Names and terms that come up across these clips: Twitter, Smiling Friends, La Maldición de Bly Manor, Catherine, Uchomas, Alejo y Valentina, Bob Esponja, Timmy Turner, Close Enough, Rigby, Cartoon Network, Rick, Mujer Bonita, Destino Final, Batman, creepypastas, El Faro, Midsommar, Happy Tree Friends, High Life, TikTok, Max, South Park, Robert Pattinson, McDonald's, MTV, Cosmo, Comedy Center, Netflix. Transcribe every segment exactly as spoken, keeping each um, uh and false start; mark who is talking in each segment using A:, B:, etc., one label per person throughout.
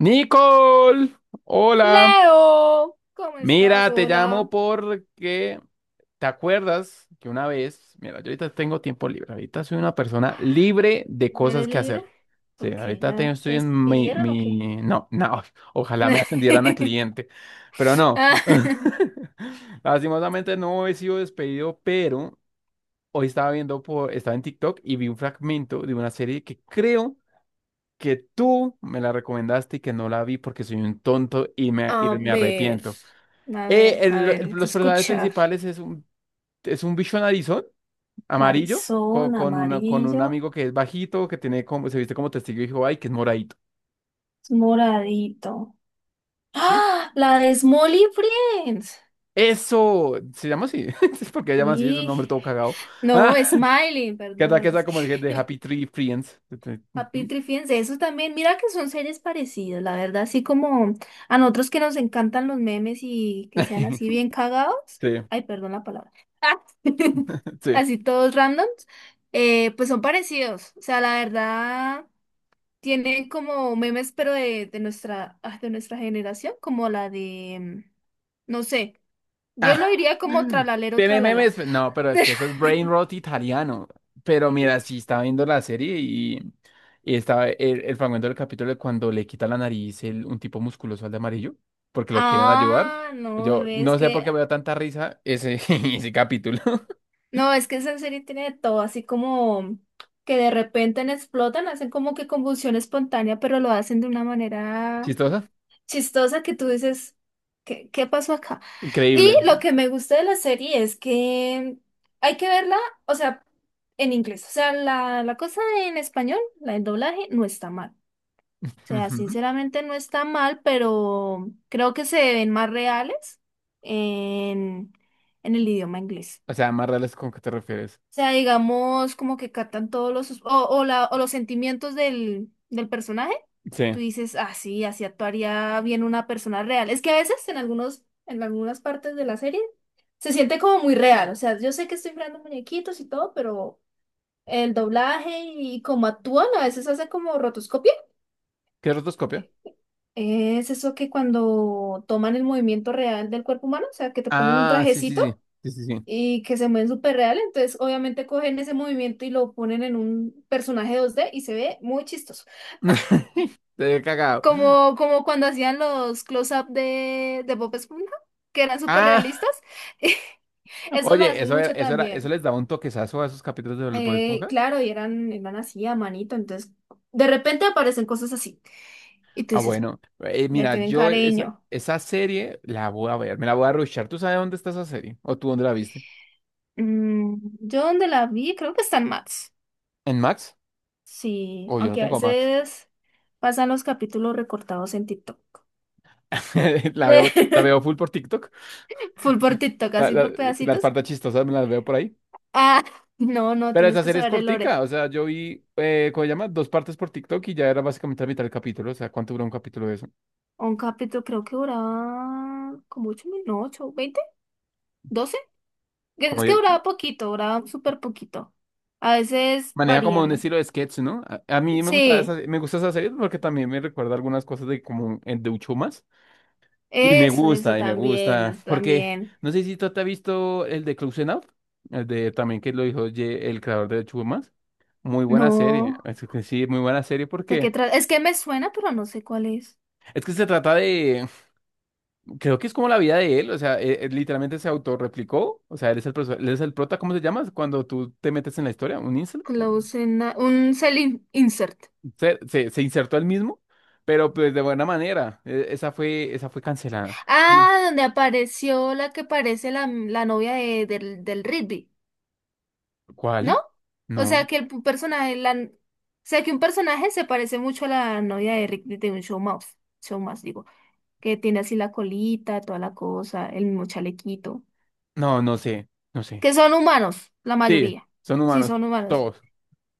A: Nicole, hola.
B: Leo, ¿cómo estás?
A: Mira, te
B: Hola.
A: llamo porque te acuerdas que una vez, mira, yo ahorita tengo tiempo libre, ahorita soy una persona libre de
B: ¿No
A: cosas
B: ¿Eres
A: que
B: libre?
A: hacer. Sí,
B: ¿Por qué?
A: ahorita te-
B: ¿Ya te
A: estoy en mi,
B: despidieron o qué?
A: mi, no, no, ojalá me ascendieran a cliente, pero no.
B: Ah,
A: Lastimosamente no he sido despedido, pero hoy estaba viendo por, estaba en TikTok y vi un fragmento de una serie que creo que tú me la recomendaste y que no la vi porque soy un tonto y me, y
B: a
A: me
B: ver,
A: arrepiento.
B: a
A: Eh,
B: ver, a
A: el-
B: ver,
A: el-
B: hay que
A: los personajes
B: escuchar.
A: principales es un, es un bicho narizón, amarillo, con,
B: Narizón,
A: con, una, con un
B: amarillo,
A: amigo que es bajito, que tiene como, se viste como testigo de Jehová y que es moradito.
B: es moradito.
A: ¿Sí?
B: ¡Ah! La de Smolly Friends.
A: Eso se llama así, es porque se llama así, es un
B: Sí,
A: nombre todo cagado.
B: no,
A: Ah,
B: Smiley,
A: que está, que
B: perdón, es
A: está como el de
B: que
A: Happy Tree Friends.
B: Papitri, fíjense, eso también, mira que son seres parecidos, la verdad, así como a nosotros que nos encantan los memes y que sean así bien cagados,
A: Sí,
B: ay, perdón la palabra.
A: sí.
B: Así todos randoms, eh, pues son parecidos, o sea, la verdad, tienen como memes, pero de, de nuestra, ah, de nuestra generación, como la de, mm, no sé, yo lo
A: Ah,
B: diría como tralalero,
A: tiene
B: tralala.
A: memes, pe- no, pero es que eso es brain rot italiano. Pero mira, sí estaba viendo la serie y, y estaba el, el fragmento del capítulo de cuando le quita la nariz el- un tipo musculoso al de amarillo, porque lo quieren ayudar.
B: Ah, no,
A: Yo
B: bebé, es
A: no sé por
B: que
A: qué me da tanta risa ese, ese capítulo.
B: no, es que esa serie tiene de todo, así como que de repente en explotan, hacen como que convulsión espontánea, pero lo hacen de una manera
A: ¿Chistosa?
B: chistosa que tú dices, ¿qué, qué pasó acá? Y
A: Increíble.
B: lo que me gusta de la serie es que hay que verla, o sea, en inglés, o sea, la, la cosa en español, la del doblaje, no está mal. O sea,
A: Ujú.
B: sinceramente no está mal, pero creo que se ven más reales en, en el idioma inglés,
A: O sea, más reales ¿con qué te refieres?
B: sea, digamos, como que captan todos los, sus- o, o, la, o los sentimientos del, del personaje. Tú
A: Sí.
B: dices, ah, sí, así actuaría bien una persona real. Es que a veces en algunos, en algunas partes de la serie se siente como muy real. O sea, yo sé que estoy creando muñequitos y todo, pero el doblaje y cómo actúan, a veces hace como rotoscopia.
A: ¿Qué es rotoscopia?
B: Es eso que cuando toman el movimiento real del cuerpo humano, o sea, que te ponen un
A: Ah, sí, sí,
B: trajecito,
A: sí. Sí, sí, sí.
B: y que se mueven súper real, entonces obviamente cogen ese movimiento y lo ponen en un personaje dos D y se ve muy chistoso.
A: Te he cagado.
B: Como, como cuando hacían los close-up de, de Bob Esponja, que eran súper
A: Ah.
B: realistas. Eso lo
A: Oye,
B: hacen
A: eso era,
B: mucho
A: eso era, eso
B: también.
A: les daba un toquezazo a esos capítulos de Bob
B: Eh,
A: Esponja.
B: claro, y eran, eran así a manito, entonces de repente aparecen cosas así y tú
A: Ah,
B: dices,
A: bueno. Eh,
B: le
A: mira,
B: tienen
A: yo esa,
B: cariño.
A: esa serie la voy a ver, me la voy a rushar. ¿Tú sabes dónde está esa serie? ¿O tú dónde la viste?
B: Mm, yo donde la vi, creo que está en Max.
A: ¿En Max?
B: Sí,
A: O yo no
B: aunque a
A: tengo Max.
B: veces pasan los capítulos recortados en TikTok.
A: La veo, la veo full por TikTok.
B: Full por TikTok,
A: La-
B: así
A: la-
B: por
A: las
B: pedacitos.
A: partes chistosas me las veo por ahí.
B: Ah, no, no,
A: Pero
B: tienes
A: esa
B: que
A: serie es
B: saber el lore.
A: cortica. O sea, yo vi, eh, ¿cómo se llama? Dos partes por TikTok y ya era básicamente la mitad del capítulo. O sea, ¿cuánto duró un capítulo de eso?
B: Un capítulo creo que duraba como ocho minutos, no, ocho, veinte. Que-
A: Como
B: Es que duraba poquito, duraba súper poquito. A veces
A: maneja como
B: varían,
A: un
B: ¿no?
A: estilo de sketch, ¿no? A, a mí me gusta esa,
B: Sí,
A: me gusta esa serie porque también me recuerda algunas cosas de como el de Uchomas. Y me
B: eso, eso
A: gusta, y me
B: también,
A: gusta.
B: es-
A: Porque
B: también.
A: no sé si tú te has visto el de Close Enough, el de también que lo dijo Ye- el creador de Uchomas. Muy buena serie.
B: No,
A: Es que sí, muy buena serie
B: ¿de qué
A: porque
B: trata? Es que me suena, pero no sé cuál es.
A: es que se trata de. Creo que es como la vida de él. O sea, él- él literalmente se autorreplicó. O sea, él es el, profe- él es el prota, ¿cómo se llama? Cuando tú te metes en la historia, un incel.
B: Close ena- un selling insert.
A: Se, se, se insertó él mismo, pero pues de buena manera. E- Esa fue, esa fue cancelada. Sí.
B: Ah, donde apareció la que parece la, la novia de- del, del Rigby. ¿No?
A: ¿Cuál?
B: O sea,
A: No,
B: que el pu- personaje, la... O sea, que un personaje se parece mucho a la novia de Rick de un show mouse, show mouse, digo, que tiene así la colita, toda la cosa, el mismo chalequito,
A: no, no sé, no sé.
B: que son humanos, la
A: Sí,
B: mayoría,
A: son
B: sí,
A: humanos,
B: son humanos.
A: todos.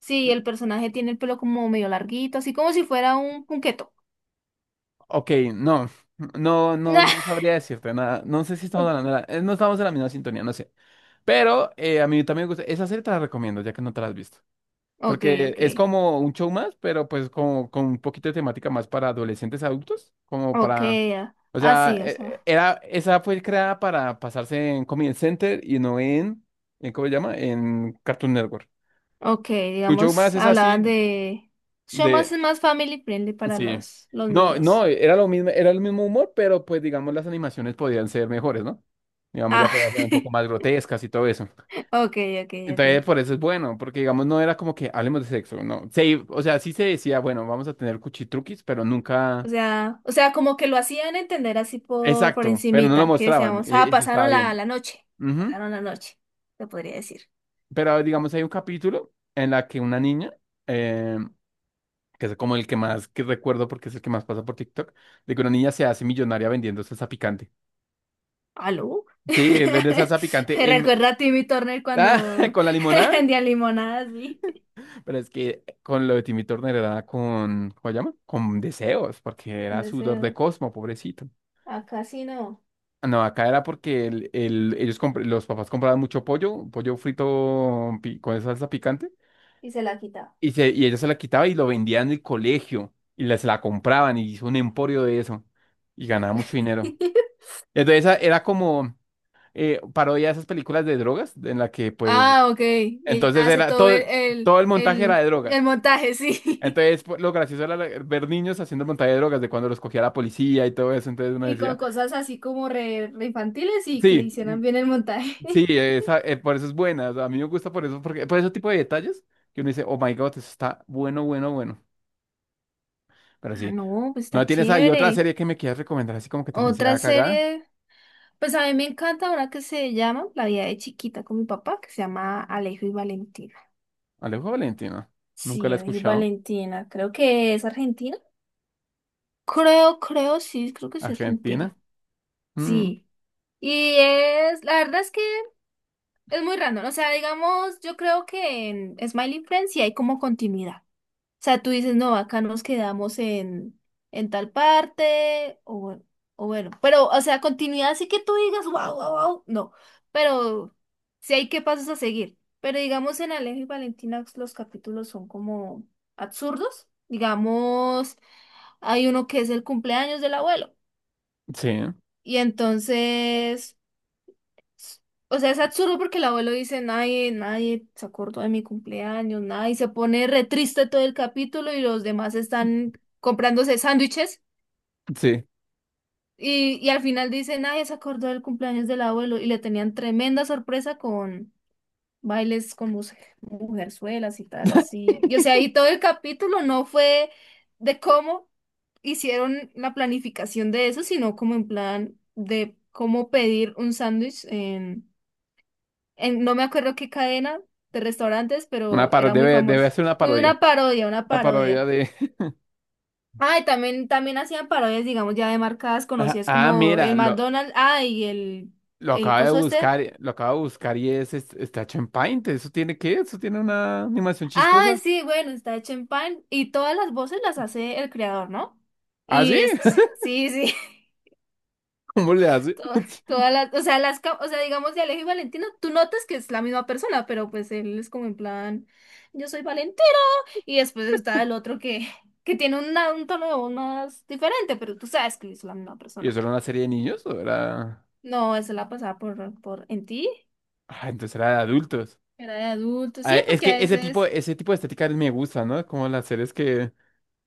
B: Sí, el personaje tiene el pelo como medio larguito, así como si fuera un punqueto.
A: Ok, no, no, no, no sabría decirte nada. No sé si estamos hablando de la- eh, no estamos en la misma sintonía, no sé. Pero eh, a mí también me gusta. Esa serie te la recomiendo, ya que no te la has visto.
B: Ok,
A: Porque
B: ok,
A: es como un show más, pero pues como con un poquito de temática más para adolescentes adultos, como
B: ok,
A: para
B: ah,
A: o sea,
B: así, o
A: e-
B: sea,
A: era, esa fue creada para pasarse en Comedy Center y no en, en ¿cómo se llama? En Cartoon Network.
B: ok,
A: Tu show más
B: digamos,
A: es
B: hablaban
A: así
B: de... Show
A: de,
B: mouse es más family friendly para
A: sí.
B: los, los
A: No, no,
B: niños.
A: era lo mismo, era el mismo humor, pero pues digamos las animaciones podían ser mejores, ¿no? Digamos, ya
B: Ah.
A: podían ser un poco más grotescas y todo eso.
B: Ok, ok, ok.
A: Entonces, por eso es bueno, porque digamos, no era como que hablemos de sexo, no. Sí, o sea, sí se decía, bueno, vamos a tener cuchitruquis, pero
B: O
A: nunca,
B: sea, o sea, como que lo hacían entender así por, por
A: exacto, pero no lo
B: encimita, que
A: mostraban,
B: decíamos,
A: e-
B: ah,
A: eso estaba
B: pasaron la,
A: bien.
B: la noche,
A: Ujú.
B: pasaron la noche, se podría decir.
A: Pero digamos, hay un capítulo en la que una niña, eh, que es como el que más que recuerdo porque es el que más pasa por TikTok, de que una niña se hace millonaria vendiendo salsa picante.
B: ¿Aló?
A: Sí, eh, vende salsa
B: Me
A: picante en,
B: recuerda a Timmy Turner
A: ah,
B: cuando
A: con la limonada,
B: vendía limonadas, sí.
A: pero es que con lo de Timmy Turner era con, ¿cómo se llama? Con deseos, porque era
B: No sé,
A: sudor de Cosmo, pobrecito.
B: acá sí no,
A: Ah, no, acá era porque el, el- ellos compr- los papás compraban mucho pollo, pollo frito pi- con salsa picante.
B: y se la quitaba.
A: Y, se, y ella se la quitaba y lo vendía en el colegio y les la compraban y hizo un emporio de eso y ganaba mucho dinero. Entonces esa era como eh, parodia de esas películas de drogas en la que pues
B: Ah, ok, y ella
A: entonces
B: hace
A: era
B: todo el,
A: todo,
B: el,
A: todo el montaje era de
B: el, el
A: drogas.
B: montaje, sí.
A: Entonces pues, lo gracioso era la- ver niños haciendo el montaje de drogas de cuando los cogía la policía y todo eso. Entonces uno
B: Y con
A: decía,
B: cosas así como re, re infantiles y que
A: sí, mm,
B: hicieran bien el montaje.
A: sí, esa, eh, por eso es buena. O sea, a mí me gusta por eso, porque por ese tipo de detalles que uno dice, oh my God, eso está bueno, bueno, bueno. Pero
B: Ah,
A: sí.
B: no, pues está
A: ¿No tienes ahí otra
B: chévere.
A: serie que me quieras recomendar así como que también
B: Otra
A: sea cagada?
B: serie, pues a mí me encanta una que se llama La vida de chiquita con mi papá, que se llama Alejo y Valentina.
A: Alejo Valentino. Nunca
B: Sí,
A: la he
B: Alejo y
A: escuchado.
B: Valentina, creo que es Argentina. Creo, creo, sí, creo que sí es
A: Argentina.
B: Argentina.
A: Mm,
B: Sí. Y es, la verdad es que es muy random. O sea, digamos, yo creo que en Smiling Friends sí hay como continuidad, sea, tú dices, no, acá nos quedamos en, en tal parte, o, bueno- o bueno, pero, o sea, continuidad así que tú digas, wow, wow, wow, no, pero sí hay que pasos a seguir. Pero digamos, en Alejo y Valentina los capítulos son como absurdos. Digamos, hay uno que es el cumpleaños del abuelo,
A: sí,
B: y entonces... O sea, es absurdo porque el abuelo dice, nadie, nadie se acordó de mi cumpleaños, nadie, y se pone re triste todo el capítulo y los demás están comprándose sándwiches
A: sí.
B: y, y al final dice, nadie se acordó del cumpleaños del abuelo y le tenían tremenda sorpresa con bailes con muse- mujerzuelas y tal, así. Y o sea, y todo el capítulo no fue de cómo hicieron la planificación de eso, sino como en plan de cómo pedir un sándwich en- no me acuerdo qué cadena de restaurantes,
A: Una
B: pero
A: paro
B: era muy
A: debe, debe
B: famoso.
A: ser una parodia.
B: Una parodia, una
A: Una parodia
B: parodia.
A: de…
B: Ah, y también, también hacían parodias, digamos, ya de marcas
A: Ah,
B: conocidas
A: ah,
B: como
A: mira,
B: el
A: lo,
B: McDonald's, ah, y el,
A: lo
B: el
A: acabo de
B: coso este.
A: buscar, lo acabo de buscar y es, es- está hecho en Paint. ¿Eso tiene qué? ¿Eso tiene una animación chistosa?
B: Ah, sí, bueno, está hecho en pan y todas las voces las hace el creador, ¿no?
A: ¿Ah, sí?
B: Y es, sí, sí.
A: ¿Cómo le hace?
B: to- Todas las, o sea, las, ca- o sea, digamos de Alejo y Valentino, tú notas que es la misma persona, pero pues él es como en plan, yo soy Valentino. Y después está el otro que, que tiene una- un tono de voz más diferente, pero tú sabes que es la misma
A: ¿Y
B: persona.
A: eso era una serie de niños o era...?
B: No, esa la pasaba por, por en ti,
A: Ah, entonces era de adultos.
B: era de adulto,
A: Ah,
B: sí,
A: es
B: porque
A: que
B: a
A: ese tipo,
B: veces,
A: ese tipo de estética me gusta, ¿no? Como las series que…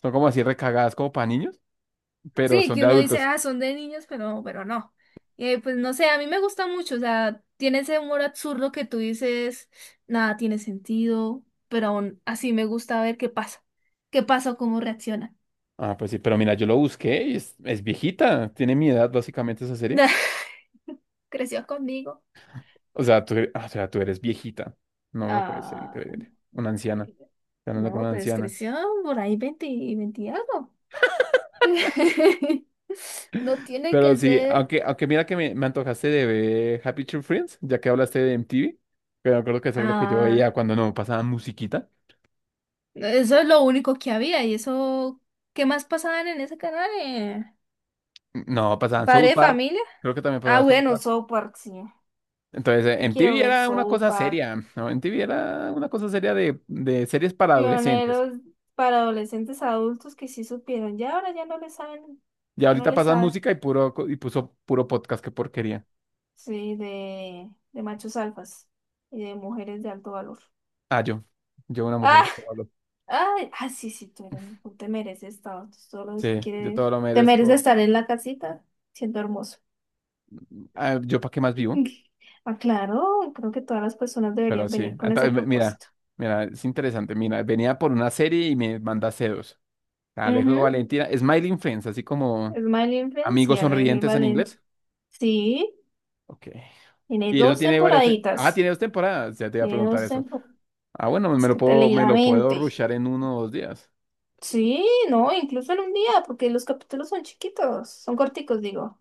A: Son como así recagadas como para niños, pero
B: sí,
A: son
B: que
A: de
B: uno dice,
A: adultos.
B: ah, son de niños, pero, pero no. Eh, pues no sé, a mí me gusta mucho, o sea, tiene ese humor absurdo que tú dices, nada tiene sentido, pero aún así me gusta ver qué pasa, qué pasa, o cómo reacciona.
A: Ah, pues sí, pero mira, yo lo busqué y es, es viejita. Tiene mi edad básicamente esa serie.
B: Creció conmigo.
A: O sea, tú, ah, o sea, tú eres viejita. No, no puede ser
B: Ah, no.
A: increíble. Una anciana.
B: Eh,
A: Está hablando con
B: No,
A: una
B: pues
A: anciana.
B: creció por ahí veinte y veinte y algo. No tiene
A: Pero
B: que
A: sí,
B: ser.
A: aunque, aunque mira que me, me antojaste de ver Happy Tree Friends, ya que hablaste de M T V. Pero creo que eso era lo que yo veía
B: Ah,
A: cuando no pasaban musiquita.
B: eso es lo único que había. ¿Y eso qué más pasaban en ese canal? eh?
A: No, pasaban
B: ¿Padre
A: South
B: de
A: Park.
B: familia?
A: Creo que también
B: Ah,
A: pasaban South
B: bueno,
A: Park.
B: South Park, sí.
A: Entonces, eh,
B: Yo quiero
A: M T V
B: ver
A: era una
B: South
A: cosa
B: Park.
A: seria, ¿no? M T V era una cosa seria de, de series para adolescentes.
B: Pioneros para adolescentes adultos que sí supieron. Ya ahora ya no le saben.
A: Y
B: Ya no
A: ahorita
B: le
A: pasan
B: saben.
A: música y puro co- y puso puro podcast, qué porquería.
B: Sí, de, de machos alfas y de mujeres de alto valor.
A: Ah, yo, yo una mujer de todo lo-
B: Ay, ah, sí, sí, tú eres, tú te mereces estar tú solo
A: sí, yo
B: quieres,
A: todo lo
B: te mereces
A: merezco.
B: estar en la casita siendo hermoso.
A: Ah, yo para qué más vivo,
B: Ah, claro, creo que todas las personas
A: pero
B: deberían
A: sí.
B: venir con ese
A: Entonces, mi- mira,
B: propósito.
A: mira, es interesante. Mira, venía por una serie y me manda C dos. Alejo
B: Ujú.
A: Valentina, Smiling Friends, así como
B: Es mal Influence y
A: amigos
B: Alegre y.
A: sonrientes en inglés.
B: Sí,
A: Ok.
B: tiene
A: Y eso
B: dos
A: tiene varias. te- Ah,
B: temporaditas,
A: tiene dos temporadas. Ya te iba a
B: tiene
A: preguntar
B: dos
A: eso.
B: temporadas,
A: Ah, bueno, me
B: es
A: lo
B: que te
A: puedo,
B: leí
A: me
B: la
A: lo puedo
B: mente.
A: rushar en uno o dos días.
B: Sí, no, incluso en un día, porque los capítulos son chiquitos, son corticos, digo.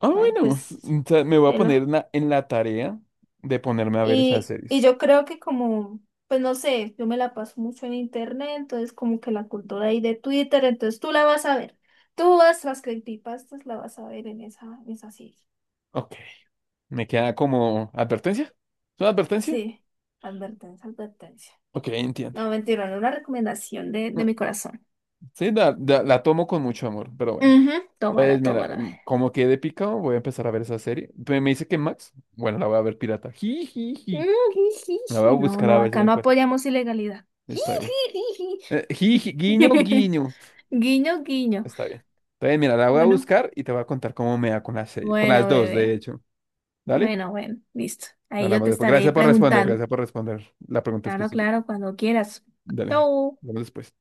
A: Ah,
B: Ah,
A: bueno,
B: pues,
A: entonces me voy a
B: velo.
A: poner na- en la tarea de ponerme a ver esas
B: Y, y
A: series.
B: yo creo que como, pues no sé, yo me la paso mucho en internet, entonces como que la cultura ahí de Twitter, entonces tú la vas a ver. Tú vas, las creepypastas la vas a ver en esa, en esa serie.
A: Ok, me queda como advertencia. ¿Es una advertencia?
B: Sí, advertencia, advertencia.
A: Ok, entiendo.
B: No, mentira, no una recomendación de, de mi corazón.
A: Sí, la, la- la tomo con mucho amor, pero bueno.
B: Ujú.
A: Pues
B: Tómala,
A: mira,
B: tómala.
A: mm, como quedé picado, voy a empezar a ver esa serie. Pe- Me dice que Max, bueno, la voy a ver pirata. Ji, ji,
B: Mm,
A: ji.
B: ji, ji,
A: Me la voy a
B: ji. No,
A: buscar a
B: no,
A: ver si
B: acá
A: la
B: no
A: encuentro.
B: apoyamos ilegalidad. Ji,
A: Está bien.
B: ji, ji,
A: Eh, ji, ji,
B: ji.
A: guiño, guiño.
B: Guiño, guiño.
A: Está bien. Entonces, mira, la voy a
B: Bueno,
A: buscar y te voy a contar cómo me va con las seis- con las
B: bueno,
A: dos, de
B: bebé.
A: hecho. ¿Dale?
B: Bueno, bueno, listo. Ahí yo
A: Hablamos
B: te
A: después.
B: estaré
A: Gracias por responder,
B: preguntando.
A: gracias por responder la pregunta
B: Claro,
A: específica.
B: claro, cuando quieras.
A: Dale,
B: Chau.
A: hablamos después.